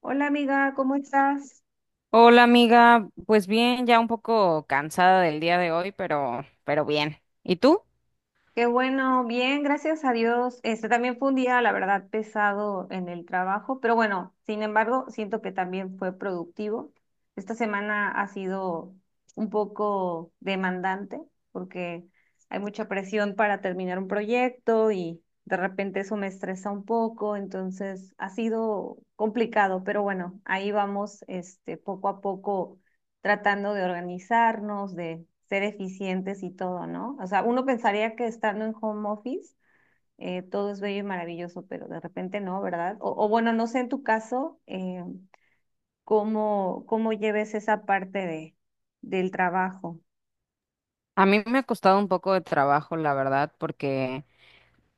Hola amiga, ¿cómo estás? Hola amiga, pues bien, ya un poco cansada del día de hoy, pero bien. ¿Y tú? Qué bueno, bien, gracias a Dios. Este también fue un día, la verdad, pesado en el trabajo, pero bueno, sin embargo, siento que también fue productivo. Esta semana ha sido un poco demandante porque hay mucha presión para terminar un proyecto y de repente eso me estresa un poco, entonces ha sido complicado, pero bueno, ahí vamos, este, poco a poco tratando de organizarnos, de ser eficientes y todo, ¿no? O sea, uno pensaría que estando en home office todo es bello y maravilloso, pero de repente no, ¿verdad? O bueno, no sé en tu caso cómo lleves esa parte del trabajo. A mí me ha costado un poco de trabajo, la verdad, porque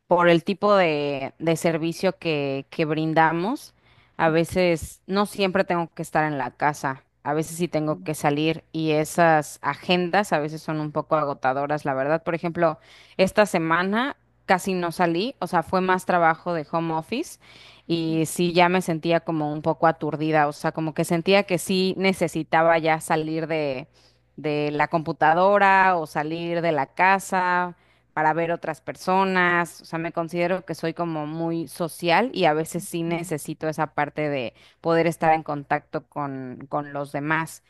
por el tipo de servicio que brindamos, a veces no siempre tengo que estar en la casa, a veces sí tengo que salir y esas agendas a veces son un poco agotadoras, la verdad. Por ejemplo, esta semana casi no salí, o sea, fue más trabajo de home office y sí ya me sentía como un poco aturdida, o sea, como que sentía que sí necesitaba ya salir de la computadora o salir de la casa, para ver otras personas, o sea, me considero que soy como muy social y a veces sí necesito esa parte de poder estar en contacto con los demás.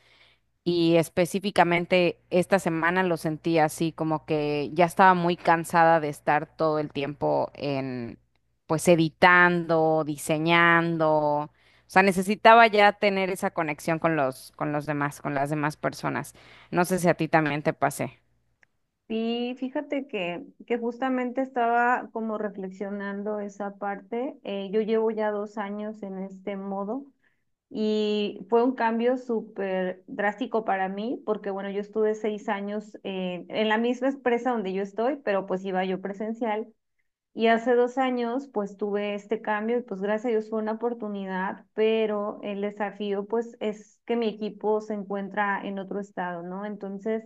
Y específicamente esta semana lo sentí así, como que ya estaba muy cansada de estar todo el tiempo en, pues, editando, diseñando. O sea, necesitaba ya tener esa conexión con con los demás, con las demás personas. No sé si a ti también te pasé. Sí, fíjate que justamente estaba como reflexionando esa parte. Yo llevo ya 2 años en este modo. Y fue un cambio súper drástico para mí, porque bueno, yo estuve 6 años en la misma empresa donde yo estoy, pero pues iba yo presencial. Y hace 2 años, pues tuve este cambio y pues gracias a Dios fue una oportunidad, pero el desafío pues es que mi equipo se encuentra en otro estado, ¿no? Entonces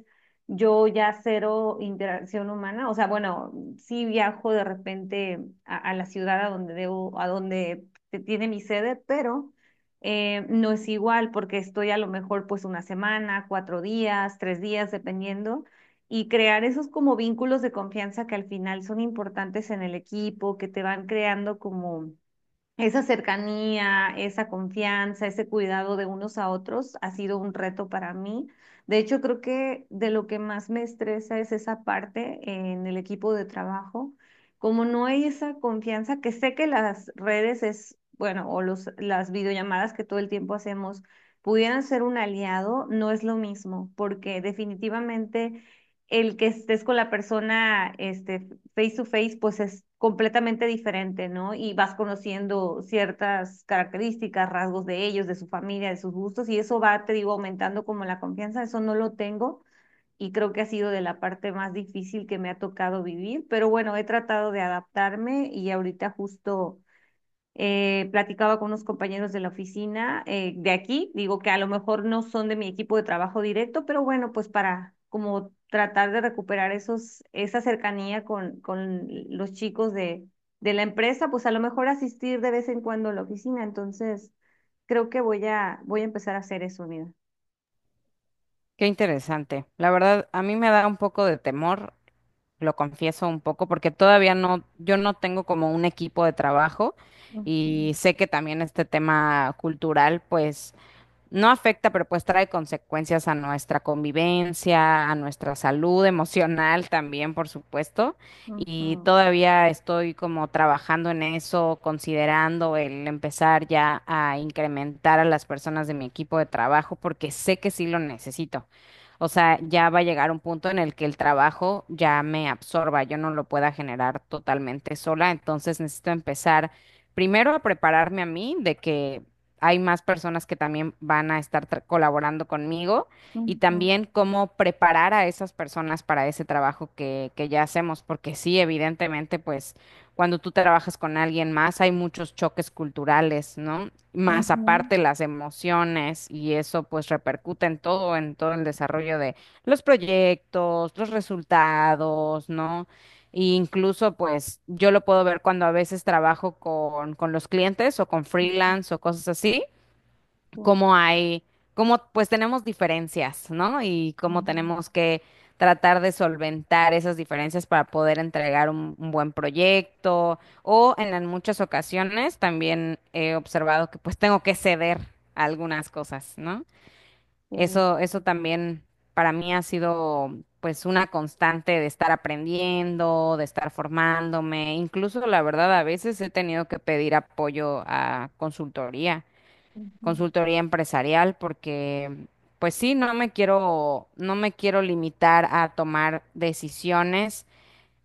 yo ya cero interacción humana, o sea, bueno, sí viajo de repente a la ciudad a donde debo, a donde tiene mi sede, pero no es igual porque estoy a lo mejor pues una semana, 4 días, 3 días, dependiendo y crear esos como vínculos de confianza que al final son importantes en el equipo, que te van creando como esa cercanía, esa confianza, ese cuidado de unos a otros ha sido un reto para mí. De hecho, creo que de lo que más me estresa es esa parte en el equipo de trabajo. Como no hay esa confianza, que sé que las redes es, bueno, o las videollamadas que todo el tiempo hacemos pudieran ser un aliado, no es lo mismo, porque definitivamente el que estés con la persona, este, face to face, pues es completamente diferente, ¿no? Y vas conociendo ciertas características, rasgos de ellos, de su familia, de sus gustos, y eso va, te digo, aumentando como la confianza, eso no lo tengo y creo que ha sido de la parte más difícil que me ha tocado vivir, pero bueno, he tratado de adaptarme y ahorita justo platicaba con unos compañeros de la oficina de aquí, digo que a lo mejor no son de mi equipo de trabajo directo, pero bueno, pues para como tratar de recuperar esos, esa cercanía con los chicos de la empresa, pues a lo mejor asistir de vez en cuando a la oficina. Entonces, creo que voy a empezar a hacer eso, mira. Qué interesante. La verdad, a mí me da un poco de temor, lo confieso un poco, porque todavía no, yo no tengo como un equipo de trabajo Ujú, y sé que también este tema cultural, pues no afecta, pero pues trae consecuencias a nuestra convivencia, a nuestra salud emocional también, por supuesto. Y ujú, todavía estoy como trabajando en eso, considerando el empezar ya a incrementar a las personas de mi equipo de trabajo, porque sé que sí lo necesito. O sea, ya va a llegar un punto en el que el trabajo ya me absorba, yo no lo pueda generar totalmente sola, entonces necesito empezar primero a prepararme a mí de que hay más personas que también van a estar colaborando conmigo y ujú, también cómo preparar a esas personas para ese trabajo que ya hacemos, porque sí, evidentemente, pues cuando tú trabajas con alguien más hay muchos choques culturales, ¿no? Más ujú, aparte las emociones y eso pues repercute en todo el desarrollo de los proyectos, los resultados, ¿no? E incluso, pues, yo lo puedo ver cuando a veces trabajo con los clientes o con freelance o cosas así, ujú, cómo hay, cómo pues tenemos diferencias, ¿no? Y cómo ujú, tenemos que tratar de solventar esas diferencias para poder entregar un buen proyecto o en las muchas ocasiones también he observado que pues tengo que ceder a algunas cosas, ¿no? sí, Eso también para mí ha sido pues una constante de estar aprendiendo, de estar formándome, incluso la verdad a veces he tenido que pedir apoyo a consultoría ujú, consultoría empresarial porque, pues sí, no me quiero limitar a tomar decisiones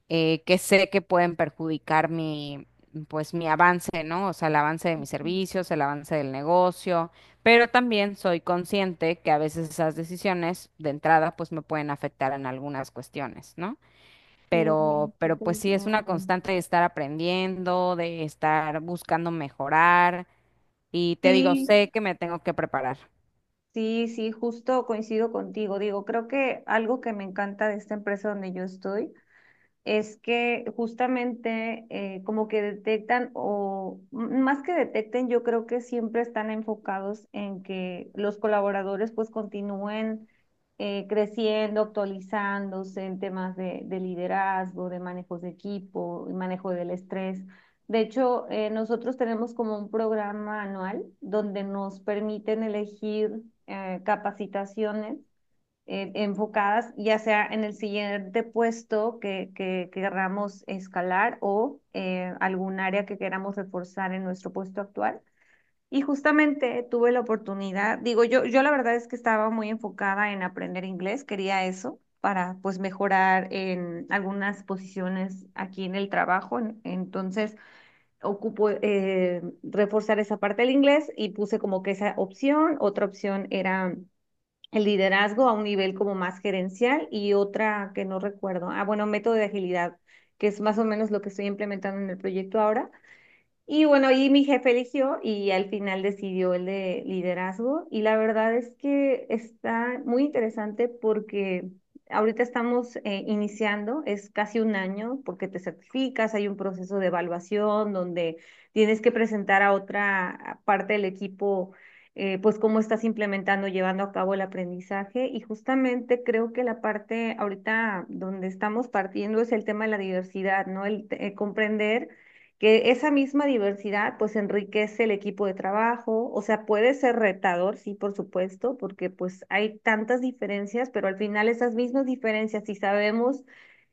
que sé que pueden perjudicar mi, pues mi avance, ¿no? O sea, el avance de mis ujú. servicios, el avance del negocio, pero también soy consciente que a veces esas decisiones de entrada, pues me pueden afectar en algunas cuestiones, ¿no? Sí, Pero, sí, pero te pues sí, es entiendo. una constante de estar aprendiendo, de estar buscando mejorar y te digo, Sí, sé que me tengo que preparar. sí, sí, justo coincido contigo. Digo, creo que algo que me encanta de esta empresa donde yo estoy es que justamente como que detectan o más que detecten, yo creo que siempre están enfocados en que los colaboradores pues continúen creciendo, actualizándose en temas de liderazgo, de manejos de equipo, y manejo del estrés. De hecho, nosotros tenemos como un programa anual donde nos permiten elegir capacitaciones enfocadas ya sea en el siguiente puesto que queramos escalar o algún área que queramos reforzar en nuestro puesto actual. Y justamente tuve la oportunidad, digo, yo la verdad es que estaba muy enfocada en aprender inglés, quería eso para pues mejorar en algunas posiciones aquí en el trabajo. Entonces ocupo reforzar esa parte del inglés y puse como que esa opción. Otra opción era el liderazgo a un nivel como más gerencial y otra que no recuerdo. Ah, bueno, método de agilidad, que es más o menos lo que estoy implementando en el proyecto ahora. Y bueno, y mi jefe eligió y al final decidió el de liderazgo. Y la verdad es que está muy interesante porque ahorita estamos iniciando, es casi un año porque te certificas, hay un proceso de evaluación donde tienes que presentar a otra parte del equipo, pues cómo estás implementando, llevando a cabo el aprendizaje. Y justamente creo que la parte ahorita donde estamos partiendo es el tema de la diversidad, ¿no? El comprender que esa misma diversidad pues enriquece el equipo de trabajo, o sea, puede ser retador, sí, por supuesto, porque pues hay tantas diferencias, pero al final esas mismas diferencias, si sabemos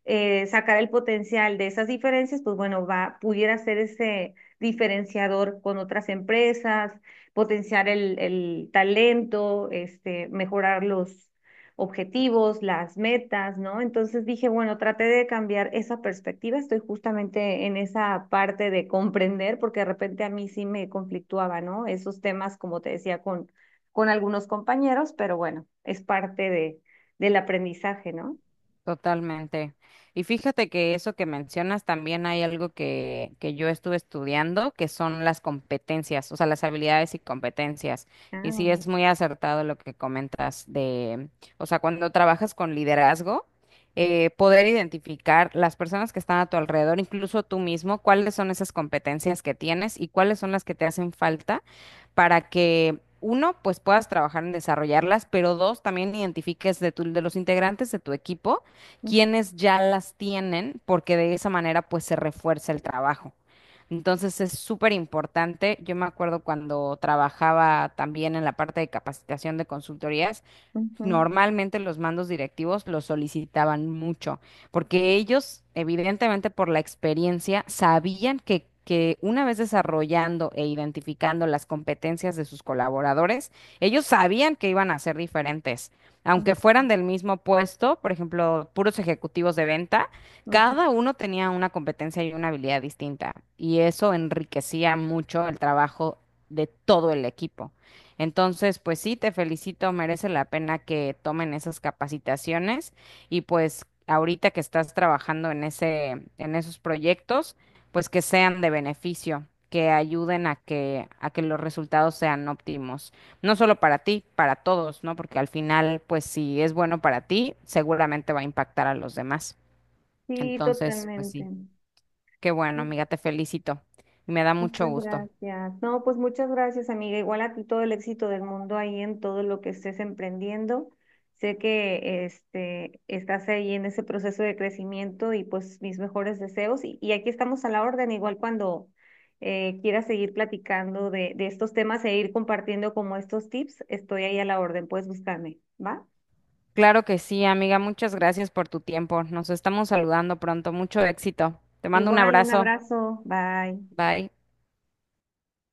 sacar el potencial de esas diferencias, pues bueno, va, pudiera ser ese diferenciador con otras empresas, potenciar el talento, este, mejorar los objetivos, las metas, ¿no? Entonces dije, bueno, traté de cambiar esa perspectiva, estoy justamente en esa parte de comprender, porque de repente a mí sí me conflictuaba, ¿no? Esos temas, como te decía, con algunos compañeros, pero bueno, es parte de, del aprendizaje, ¿no? Totalmente. Y fíjate que eso que mencionas también hay algo que yo estuve estudiando, que son las competencias, o sea, las habilidades y competencias. Ah, Y sí órale. es muy acertado lo que comentas de, o sea, cuando trabajas con liderazgo, poder identificar las personas que están a tu alrededor, incluso tú mismo, cuáles son esas competencias que tienes y cuáles son las que te hacen falta para que uno, pues puedas trabajar en desarrollarlas, pero dos, también identifiques de de los integrantes de tu equipo Ujú, quienes ya las tienen, porque de esa manera pues se refuerza el trabajo. Entonces es súper importante. Yo me acuerdo cuando trabajaba también en la parte de capacitación de consultorías, ujú, normalmente los mandos directivos los solicitaban mucho, porque ellos, evidentemente por la experiencia, sabían que una vez desarrollando e identificando las competencias de sus colaboradores, ellos sabían que iban a ser diferentes. Aunque fueran del mismo puesto, por ejemplo, puros ejecutivos de venta, ujú. cada uno tenía una competencia y una habilidad distinta, y eso enriquecía mucho el trabajo de todo el equipo. Entonces, pues sí, te felicito, merece la pena que tomen esas capacitaciones y pues ahorita que estás trabajando en ese, en esos proyectos, pues que sean de beneficio, que ayuden a que los resultados sean óptimos, no solo para ti, para todos, ¿no? Porque al final, pues si es bueno para ti, seguramente va a impactar a los demás. Sí, Entonces, pues totalmente. sí, qué bueno, Sí. amiga, te felicito y me da mucho Muchas gusto. gracias. No, pues muchas gracias, amiga. Igual a ti todo el éxito del mundo ahí en todo lo que estés emprendiendo. Sé que este estás ahí en ese proceso de crecimiento y pues mis mejores deseos. Y aquí estamos a la orden, igual cuando quieras seguir platicando de estos temas e ir compartiendo como estos tips, estoy ahí a la orden. Puedes buscarme, ¿va? Claro que sí, amiga. Muchas gracias por tu tiempo. Nos estamos saludando pronto. Mucho éxito. Te mando un Igual, un abrazo. abrazo. Bye. Bye.